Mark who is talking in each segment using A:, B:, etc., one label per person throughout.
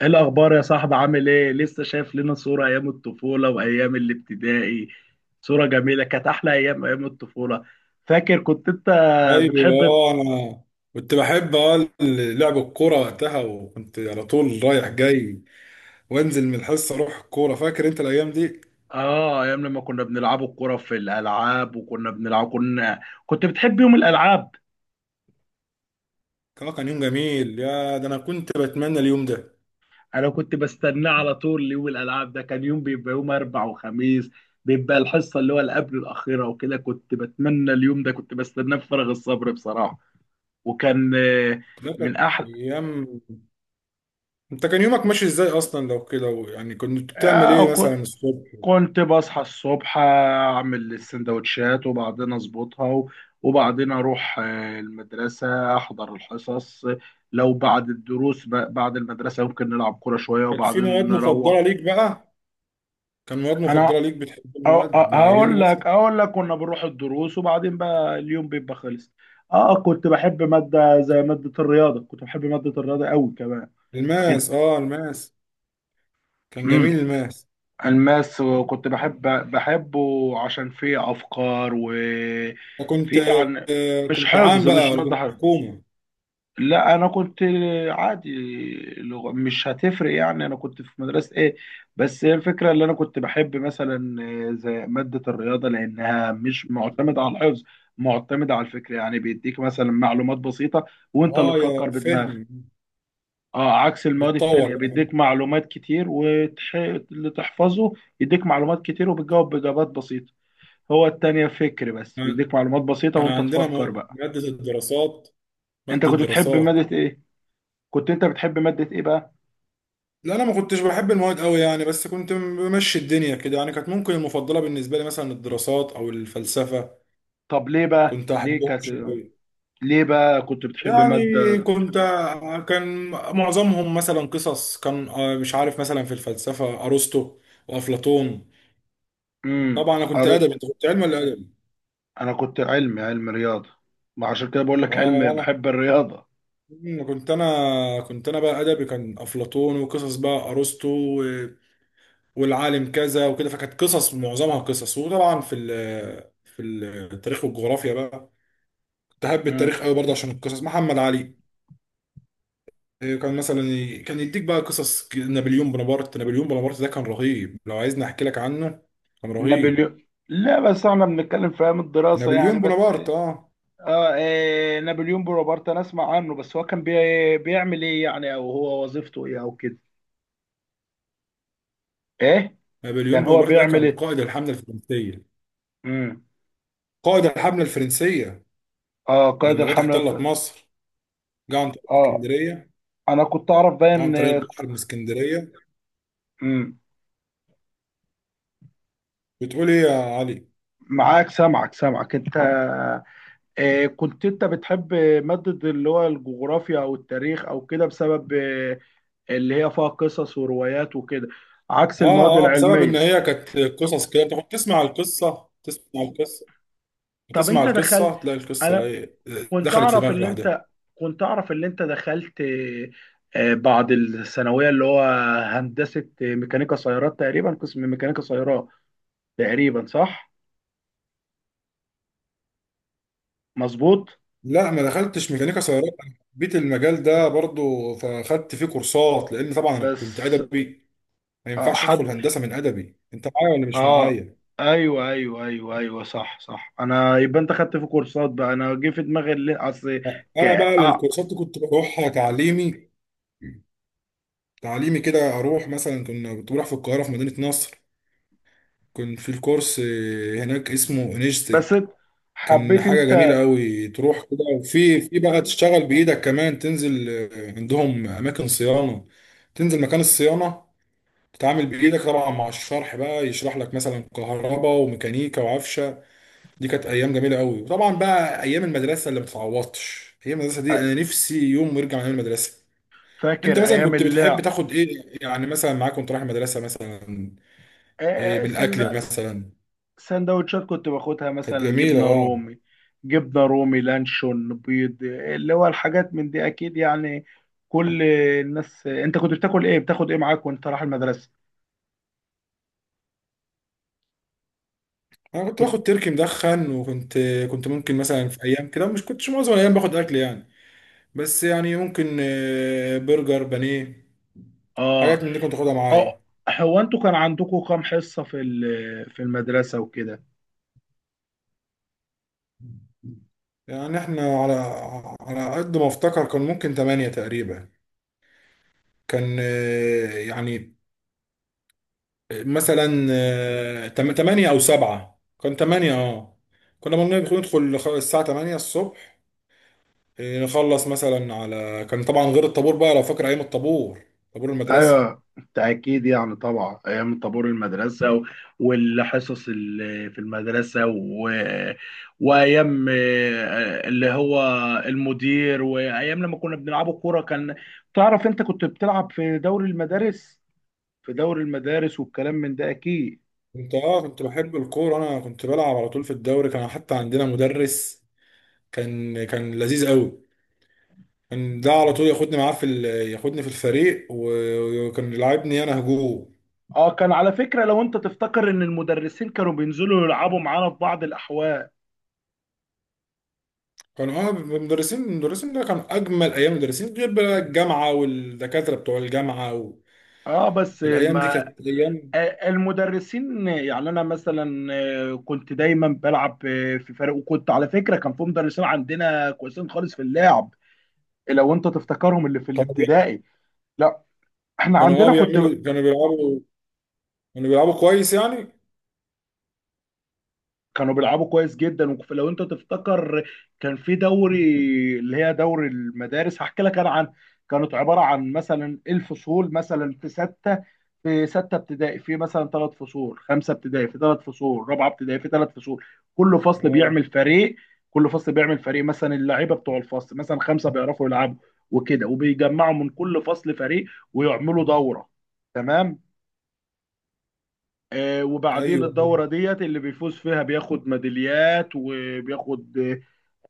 A: ايه الاخبار يا صاحبي؟ عامل ايه؟ لسه شايف لنا صورة ايام الطفولة وايام الابتدائي. صورة جميلة، كانت احلى ايام، ايام الطفولة. فاكر كنت انت
B: ايوه،
A: بتحب؟
B: انا كنت بحب لعب الكوره وقتها، وكنت على طول رايح جاي وانزل من الحصه اروح الكوره. فاكر انت الايام دي؟
A: اه ايام لما كنا بنلعب الكرة في الالعاب، وكنا بنلعب كنت بتحب يوم الالعاب.
B: كان يوم جميل يا ده، انا كنت بتمنى اليوم ده.
A: انا كنت بستناه على طول، يوم الالعاب ده كان يوم، بيبقى يوم اربع وخميس، بيبقى الحصة اللي قبل الاخيرة، وكده كنت بتمنى اليوم ده، كنت بستناه بفارغ الصبر بصراحة. وكان،
B: ده
A: من
B: كانت
A: احلى.
B: ايام. انت كان يومك ماشي ازاي اصلا لو كده؟ يعني كنت بتعمل ايه
A: آه،
B: مثلا الصبح؟
A: كنت بصحى الصبح، اعمل السندوتشات، وبعدين اظبطها، وبعدين اروح المدرسه، احضر الحصص. لو بعد الدروس، بعد المدرسه ممكن نلعب كوره شويه،
B: كانت في
A: وبعدين
B: مواد
A: نروح.
B: مفضله ليك بقى؟ كان مواد مفضله
A: انا
B: ليك، بتحب
A: أ-
B: مواد
A: أ- هقول
B: معينه مثلا؟
A: لك اقول لك، كنا بنروح الدروس، وبعدين بقى اليوم بيبقى خلص. اه، كنت بحب ماده زي ماده الرياضه، كنت بحب ماده الرياضه قوي كمان.
B: الماس، اه الماس، كان
A: انت
B: جميل الماس.
A: الماس، وكنت بحبه. عشان فيه افكار،
B: كنت
A: وفيه عن،
B: آه، كنت عام
A: مش
B: بقى ولا
A: ماده
B: كنت
A: حفظ.
B: حكومه؟
A: لا، انا كنت عادي، لغة مش هتفرق يعني، انا كنت في مدرسه ايه، بس هي الفكره اللي انا كنت بحب، مثلا زي ماده الرياضه لانها مش معتمده على الحفظ، معتمده على الفكر. يعني بيديك مثلا معلومات بسيطه، وانت اللي
B: اه
A: تفكر
B: يا
A: بدماغك.
B: فهم.
A: اه، عكس المواد
B: بتطور
A: التانية،
B: بقى.
A: بيديك معلومات كتير واللي تحفظه، يديك معلومات كتير، وبتجاوب بإجابات بسيطة. هو التانية فكر بس،
B: كان
A: بيديك معلومات بسيطة وانت تفكر بقى.
B: مادة الدراسات،
A: انت
B: مادة
A: كنت بتحب
B: الدراسات.
A: مادة ايه؟ كنت انت بتحب مادة ايه بقى؟
B: لا انا ما كنتش بحب المواد قوي يعني، بس كنت بمشي الدنيا كده يعني. كانت ممكن المفضلة بالنسبة لي مثلا الدراسات او الفلسفة،
A: طب ليه بقى؟
B: كنت
A: ليه
B: احبهم
A: كانت؟
B: شوية.
A: ليه بقى كنت بتحب
B: يعني
A: مادة؟
B: كنت كان معظمهم مثلا قصص. كان مش عارف، مثلا في الفلسفة ارسطو وافلاطون.
A: امم
B: طبعا انا كنت
A: أر...
B: ادبي، انت كنت علم ولا ادبي؟
A: انا كنت علمي، علم رياضة، ما عشان كده بقول لك علم
B: اه.
A: بحب الرياضة.
B: مم، كنت انا كنت انا بقى ادبي، كان افلاطون وقصص بقى ارسطو و- والعالم كذا وكده، فكانت قصص معظمها قصص. وطبعا في التاريخ والجغرافيا بقى، كنت احب التاريخ
A: امم.
B: قوي برضه عشان القصص، محمد علي. إيه، كان مثلا كان يديك بقى قصص، نابليون بونابرت. نابليون بونابرت ده كان رهيب، لو عايزني احكي لك عنه كان رهيب.
A: نابليون؟ لا بس احنا بنتكلم في ايام الدراسة يعني،
B: نابليون
A: بس
B: بونابرت، اه
A: اه، إيه نابليون بونابرت؟ انا اسمع عنه بس، هو كان بيعمل ايه يعني، او هو وظيفته ايه او كده، ايه؟ كان
B: نابليون
A: هو
B: بونابرت ده
A: بيعمل
B: كان
A: ايه؟
B: قائد الحملة الفرنسية.
A: امم
B: قائد الحملة الفرنسية
A: اه، قائد
B: لما جت
A: الحملة
B: احتلت
A: الف...
B: مصر، جه عن طريق
A: اه،
B: اسكندرية،
A: انا كنت اعرف
B: عن
A: باين.
B: طريق البحر من اسكندريه.
A: امم.
B: بتقول ايه يا علي؟
A: معاك، سامعك سامعك انت. إيه، كنت انت بتحب مادة اللي هو الجغرافيا او التاريخ او كده، بسبب اللي هي فيها قصص وروايات وكده، عكس
B: اه
A: المواد
B: اه، بسبب ان
A: العلمية.
B: هي كانت قصص كده، بتاخد تسمع القصه، تسمع القصه
A: طب
B: بتسمع
A: انت دخلت؟
B: القصه تلاقي القصه
A: انا
B: ايه،
A: كنت
B: دخلت في
A: اعرف
B: دماغك
A: اللي
B: لوحدها.
A: انت كنت اعرف اللي انت دخلت بعد الثانويه، اللي هو هندسه ميكانيكا سيارات تقريبا، قسم ميكانيكا سيارات تقريبا، صح؟ مظبوط؟
B: لا ما دخلتش ميكانيكا سيارات، انا حبيت المجال ده برضو فاخدت فيه كورسات، لان طبعا انا كنت
A: بس
B: ادبي، ما
A: آه،
B: ينفعش ادخل
A: حد
B: هندسه من ادبي. انت معايا ولا مش
A: اه،
B: معايا؟
A: ايوه ايوه ايوه ايوه، صح صح، انا يبقى انت خدت في كورسات بقى، انا جه في دماغي اللي اصل. ك...
B: انا بقى
A: آه.
B: الكورسات دي كنت بروحها تعليمي، تعليمي كده. اروح مثلا، كنت بروح في القاهره في مدينه نصر، كان في الكورس هناك اسمه
A: بس
B: انيجتك. كان
A: حبيت
B: حاجة
A: انت.
B: جميلة قوي، تروح كده وفي بقى تشتغل بإيدك كمان، تنزل عندهم أماكن صيانة، تنزل مكان الصيانة، تتعامل بإيدك طبعا مع الشرح بقى، يشرح لك مثلا كهرباء وميكانيكا وعفشة. دي كانت أيام جميلة قوي، وطبعا بقى أيام المدرسة اللي ما بتتعوضش. أيام المدرسة دي
A: آه،
B: أنا نفسي يوم يرجع من المدرسة. أنت
A: فاكر
B: مثلا
A: ايام
B: كنت بتحب
A: اللعب؟
B: تاخد إيه يعني مثلا معاك وأنت رايح المدرسة مثلا، إيه من
A: آه،
B: الأكل
A: سند
B: مثلا؟
A: سندوتشات كنت باخدها،
B: كانت
A: مثلا
B: جميلة
A: جبنه
B: اه.
A: رومي، جبنه رومي لانشون بيض، اللي هو الحاجات من دي اكيد يعني، كل الناس. انت كنت بتاكل ايه؟ بتاخد ايه معاك وانت رايح المدرسه؟
B: انا كنت
A: كنت...
B: باخد تركي مدخن، وكنت ممكن مثلا في ايام كده، مش كنتش معظم الايام باخد اكل يعني، بس يعني ممكن برجر، بانيه،
A: اه،
B: حاجات من دي كنت اخدها
A: اه.
B: معايا.
A: هو انتوا كان عندكم كام حصه في في المدرسه وكده؟
B: يعني احنا على قد ما افتكر كان ممكن تمانية تقريبا. كان يعني مثلا تمانية او سبعة، كان تمانية اه. بندخل الساعة تمانية الصبح، نخلص مثلا على كان، طبعا غير الطابور بقى، لو فاكر ايام الطابور، طابور المدرسة.
A: ايوه بالتاكيد يعني، طبعا ايام طابور المدرسه، والحصص اللي في المدرسه، و... وايام اللي هو المدير، وايام لما كنا بنلعبوا كوره. كان تعرف انت كنت بتلعب في دوري المدارس؟ في دوري المدارس والكلام من ده اكيد.
B: كنت اه كنت بحب الكورة، انا كنت بلعب على طول في الدوري، كان حتى عندنا مدرس كان لذيذ قوي، كان ده على طول ياخدني معاه في ال... ياخدني في الفريق و- وكان يلعبني انا هجوم.
A: اه، كان على فكره، لو انت تفتكر ان المدرسين كانوا بينزلوا يلعبوا معانا في بعض الاحوال.
B: كان اه المدرسين، ده كان اجمل ايام، المدرسين غير بقى الجامعة والدكاترة بتوع الجامعة و...
A: اه بس الم...
B: الايام دي كانت ايام.
A: المدرسين، يعني انا مثلا كنت دايما بلعب في فريق، وكنت على فكره كان في مدرسين عندنا كويسين خالص في اللعب، لو انت تفتكرهم اللي في
B: كانوا بي...
A: الابتدائي. لا، احنا
B: كانوا اه
A: عندنا كنت،
B: بيعملوا، كانوا بيلعبوا كويس يعني.
A: كانوا بيلعبوا كويس جدا، ولو انت تفتكر كان في دوري، اللي هي دوري المدارس هحكي لك انا عن. كانت عباره عن مثلا الفصول، مثلا في سته، في سته ابتدائي في مثلا ثلاث فصول، خمسه ابتدائي في ثلاث فصول، رابعه ابتدائي في ثلاث فصول، كل فصل
B: اه
A: بيعمل فريق، كل فصل بيعمل فريق، مثلا اللعيبه بتوع الفصل مثلا خمسه بيعرفوا يلعبوا وكده، وبيجمعوا من كل فصل فريق، ويعملوا دوره. تمام. وبعدين
B: ايوه ايوه،
A: الدورة ديت اللي بيفوز فيها بياخد ميداليات، وبياخد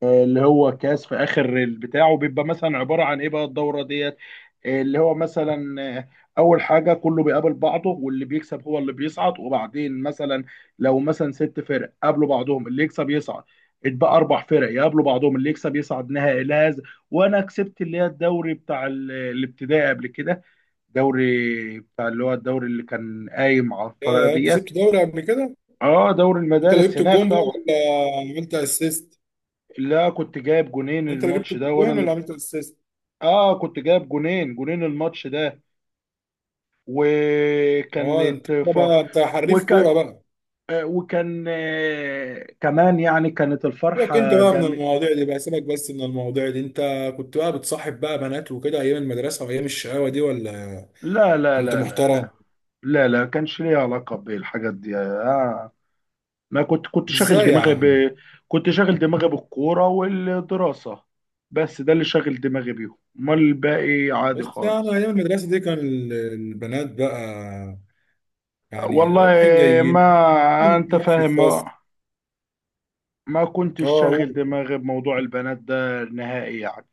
A: اللي هو كاس في آخر البتاع، وبيبقى مثلا عبارة عن إيه بقى الدورة ديت، آه، اللي هو مثلا آه، أول حاجة كله بيقابل بعضه، واللي بيكسب هو اللي بيصعد. وبعدين مثلا لو مثلا ست فرق قابلوا بعضهم، اللي يكسب يصعد، اتبقى أربع فرق يقابلوا بعضهم، اللي يكسب يصعد نهائي لهذا. وأنا كسبت اللي هي الدوري بتاع الابتدائي قبل كده، دوري بتاع اللي هو الدوري اللي كان قايم على الطريقة
B: يا
A: ديت.
B: كسبت دوري قبل كده؟
A: اه، دوري
B: انت
A: المدارس
B: لعبت
A: هناك
B: الجون بقى
A: طبعا.
B: ولا عملت اسيست؟
A: لا، كنت جايب جونين
B: انت اللي جبت
A: الماتش ده، وانا
B: الجون
A: اللي،
B: ولا عملت الاسيست؟
A: اه كنت جايب جونين، جونين الماتش ده.
B: اه ده انت
A: وكانت
B: كده
A: ف...
B: بقى، انت حريف
A: وكان
B: كوره بقى.
A: آه، وكان آه، كمان يعني، كانت
B: سيبك انت
A: الفرحة
B: بقى من
A: جامد.
B: المواضيع دي بقى، سيبك بس من المواضيع دي. انت كنت بقى بتصاحب بقى بنات وكده ايام المدرسه وايام الشقاوه دي، ولا
A: لا لا
B: كنت
A: لا لا
B: محترم؟
A: لا، لا لا كانش ليها علاقة بالحاجات دي آه. ما كنت كنت شاغل
B: ازاي يا
A: دماغي
B: عم؟
A: ب... كنت شاغل دماغي بالكورة والدراسة، بس ده اللي شاغل دماغي بيهم، امال الباقي عادي
B: بس يعني
A: خالص.
B: ايام المدرسه دي كان البنات بقى يعني
A: والله
B: رايحين
A: ما
B: جايين
A: انت
B: في
A: فاهم ما،
B: الفصل.
A: ما
B: اه
A: كنتش شاغل
B: قول.
A: دماغي بموضوع البنات ده نهائي يعني،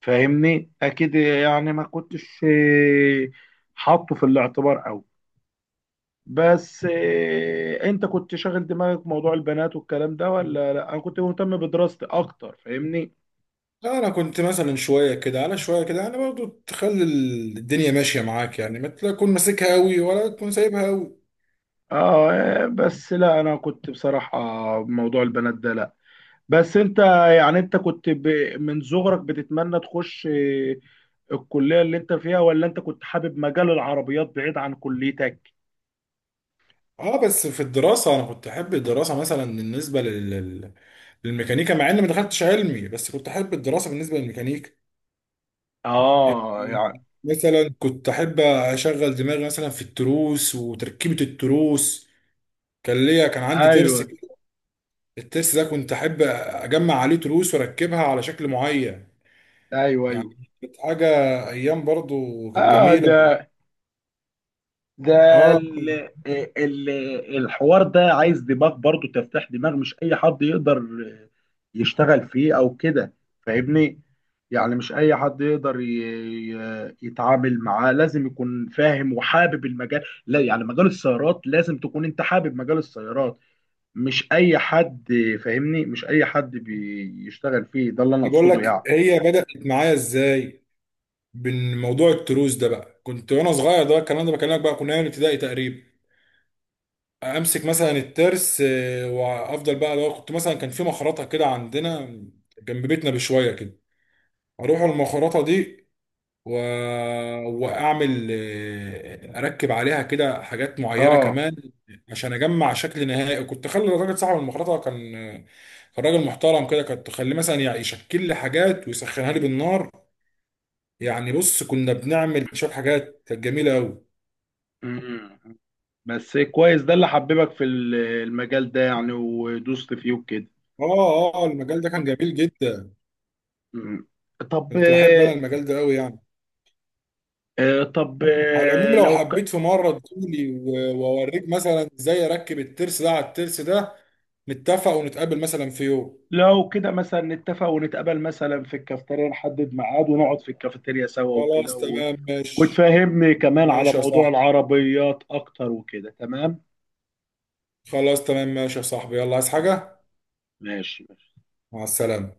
A: فاهمني اكيد يعني، ما كنتش حاطه في الاعتبار قوي. بس انت كنت شاغل دماغك بموضوع البنات والكلام ده، ولا لا، انا كنت مهتم بدراستي اكتر، فاهمني؟
B: لا، انا كنت مثلا شويه كده على شويه كده يعني، برضو تخلي الدنيا ماشيه معاك يعني، ما تكون ماسكها قوي ولا تكون سايبها قوي.
A: اه، بس لا، انا كنت بصراحة بموضوع البنات ده لا. بس انت، يعني انت كنت من صغرك بتتمنى تخش الكلية اللي انت فيها، ولا انت كنت حابب مجال العربيات بعيد عن كليتك؟
B: اه بس في الدراسة انا كنت احب الدراسة مثلا بالنسبة لل... للميكانيكا، مع اني ما دخلتش علمي بس كنت احب الدراسة بالنسبة للميكانيكا.
A: اه
B: يعني
A: يعني،
B: مثلا كنت احب اشغل دماغي مثلا في التروس وتركيبة التروس، كان ليا، كان عندي ترس
A: ايوه
B: كده. الترس ده كنت احب اجمع عليه تروس واركبها على شكل معين،
A: ايوه ايوه.
B: يعني كانت حاجة، ايام برضو كانت
A: اه،
B: جميلة
A: ده ده
B: اه.
A: ال ال الحوار ده عايز دماغ برضو، تفتح دماغ، مش اي حد يقدر يشتغل فيه او كده، فاهمني؟ يعني مش اي حد يقدر يتعامل معاه، لازم يكون فاهم وحابب المجال، لا يعني مجال السيارات لازم تكون انت حابب مجال السيارات، مش اي حد. فاهمني؟ مش اي حد بيشتغل فيه، ده اللي انا
B: انا بقول
A: اقصده
B: لك
A: يعني.
B: هي بدأت معايا ازاي. بين موضوع التروس ده بقى، كنت وانا صغير، ده الكلام ده بكلمك بقى كنا ايام الابتدائي تقريبا. امسك مثلا الترس، وافضل بقى، لو كنت مثلا كان في مخرطه كده عندنا جنب بيتنا بشويه كده، اروح المخرطه دي و... واعمل اركب عليها كده حاجات معينه
A: اه.
B: كمان، عشان اجمع شكل نهائي. كنت اخلي الراجل صاحب المخرطه كان راجل محترم كده، كنت اخليه مثلا يعني يشكل لي حاجات ويسخنها لي بالنار. يعني بص، كنا بنعمل شويه حاجات كانت جميله قوي.
A: مم. بس كويس، ده اللي حببك في المجال ده يعني، ودوست فيه وكده.
B: اه المجال ده كان جميل جدا،
A: مم. طب
B: كنت بحب انا المجال ده قوي يعني.
A: آه، طب
B: على العموم
A: آه،
B: لو حبيت في مره تقولي و- واوريك مثلا ازاي اركب الترس ده على الترس ده، نتفق ونتقابل مثلا في يوم.
A: لو كده مثلا نتفق ونتقابل مثلا في الكافتيريا، نحدد ميعاد ونقعد في الكافتيريا سوا وكده،
B: خلاص
A: و...
B: تمام ماشي،
A: وتفهمني كمان على
B: ماشي يا
A: موضوع
B: صاحبي.
A: العربيات اكتر وكده. تمام
B: خلاص تمام ماشي يا صاحبي، يلا. عايز حاجه؟
A: ماشي.
B: مع السلامه.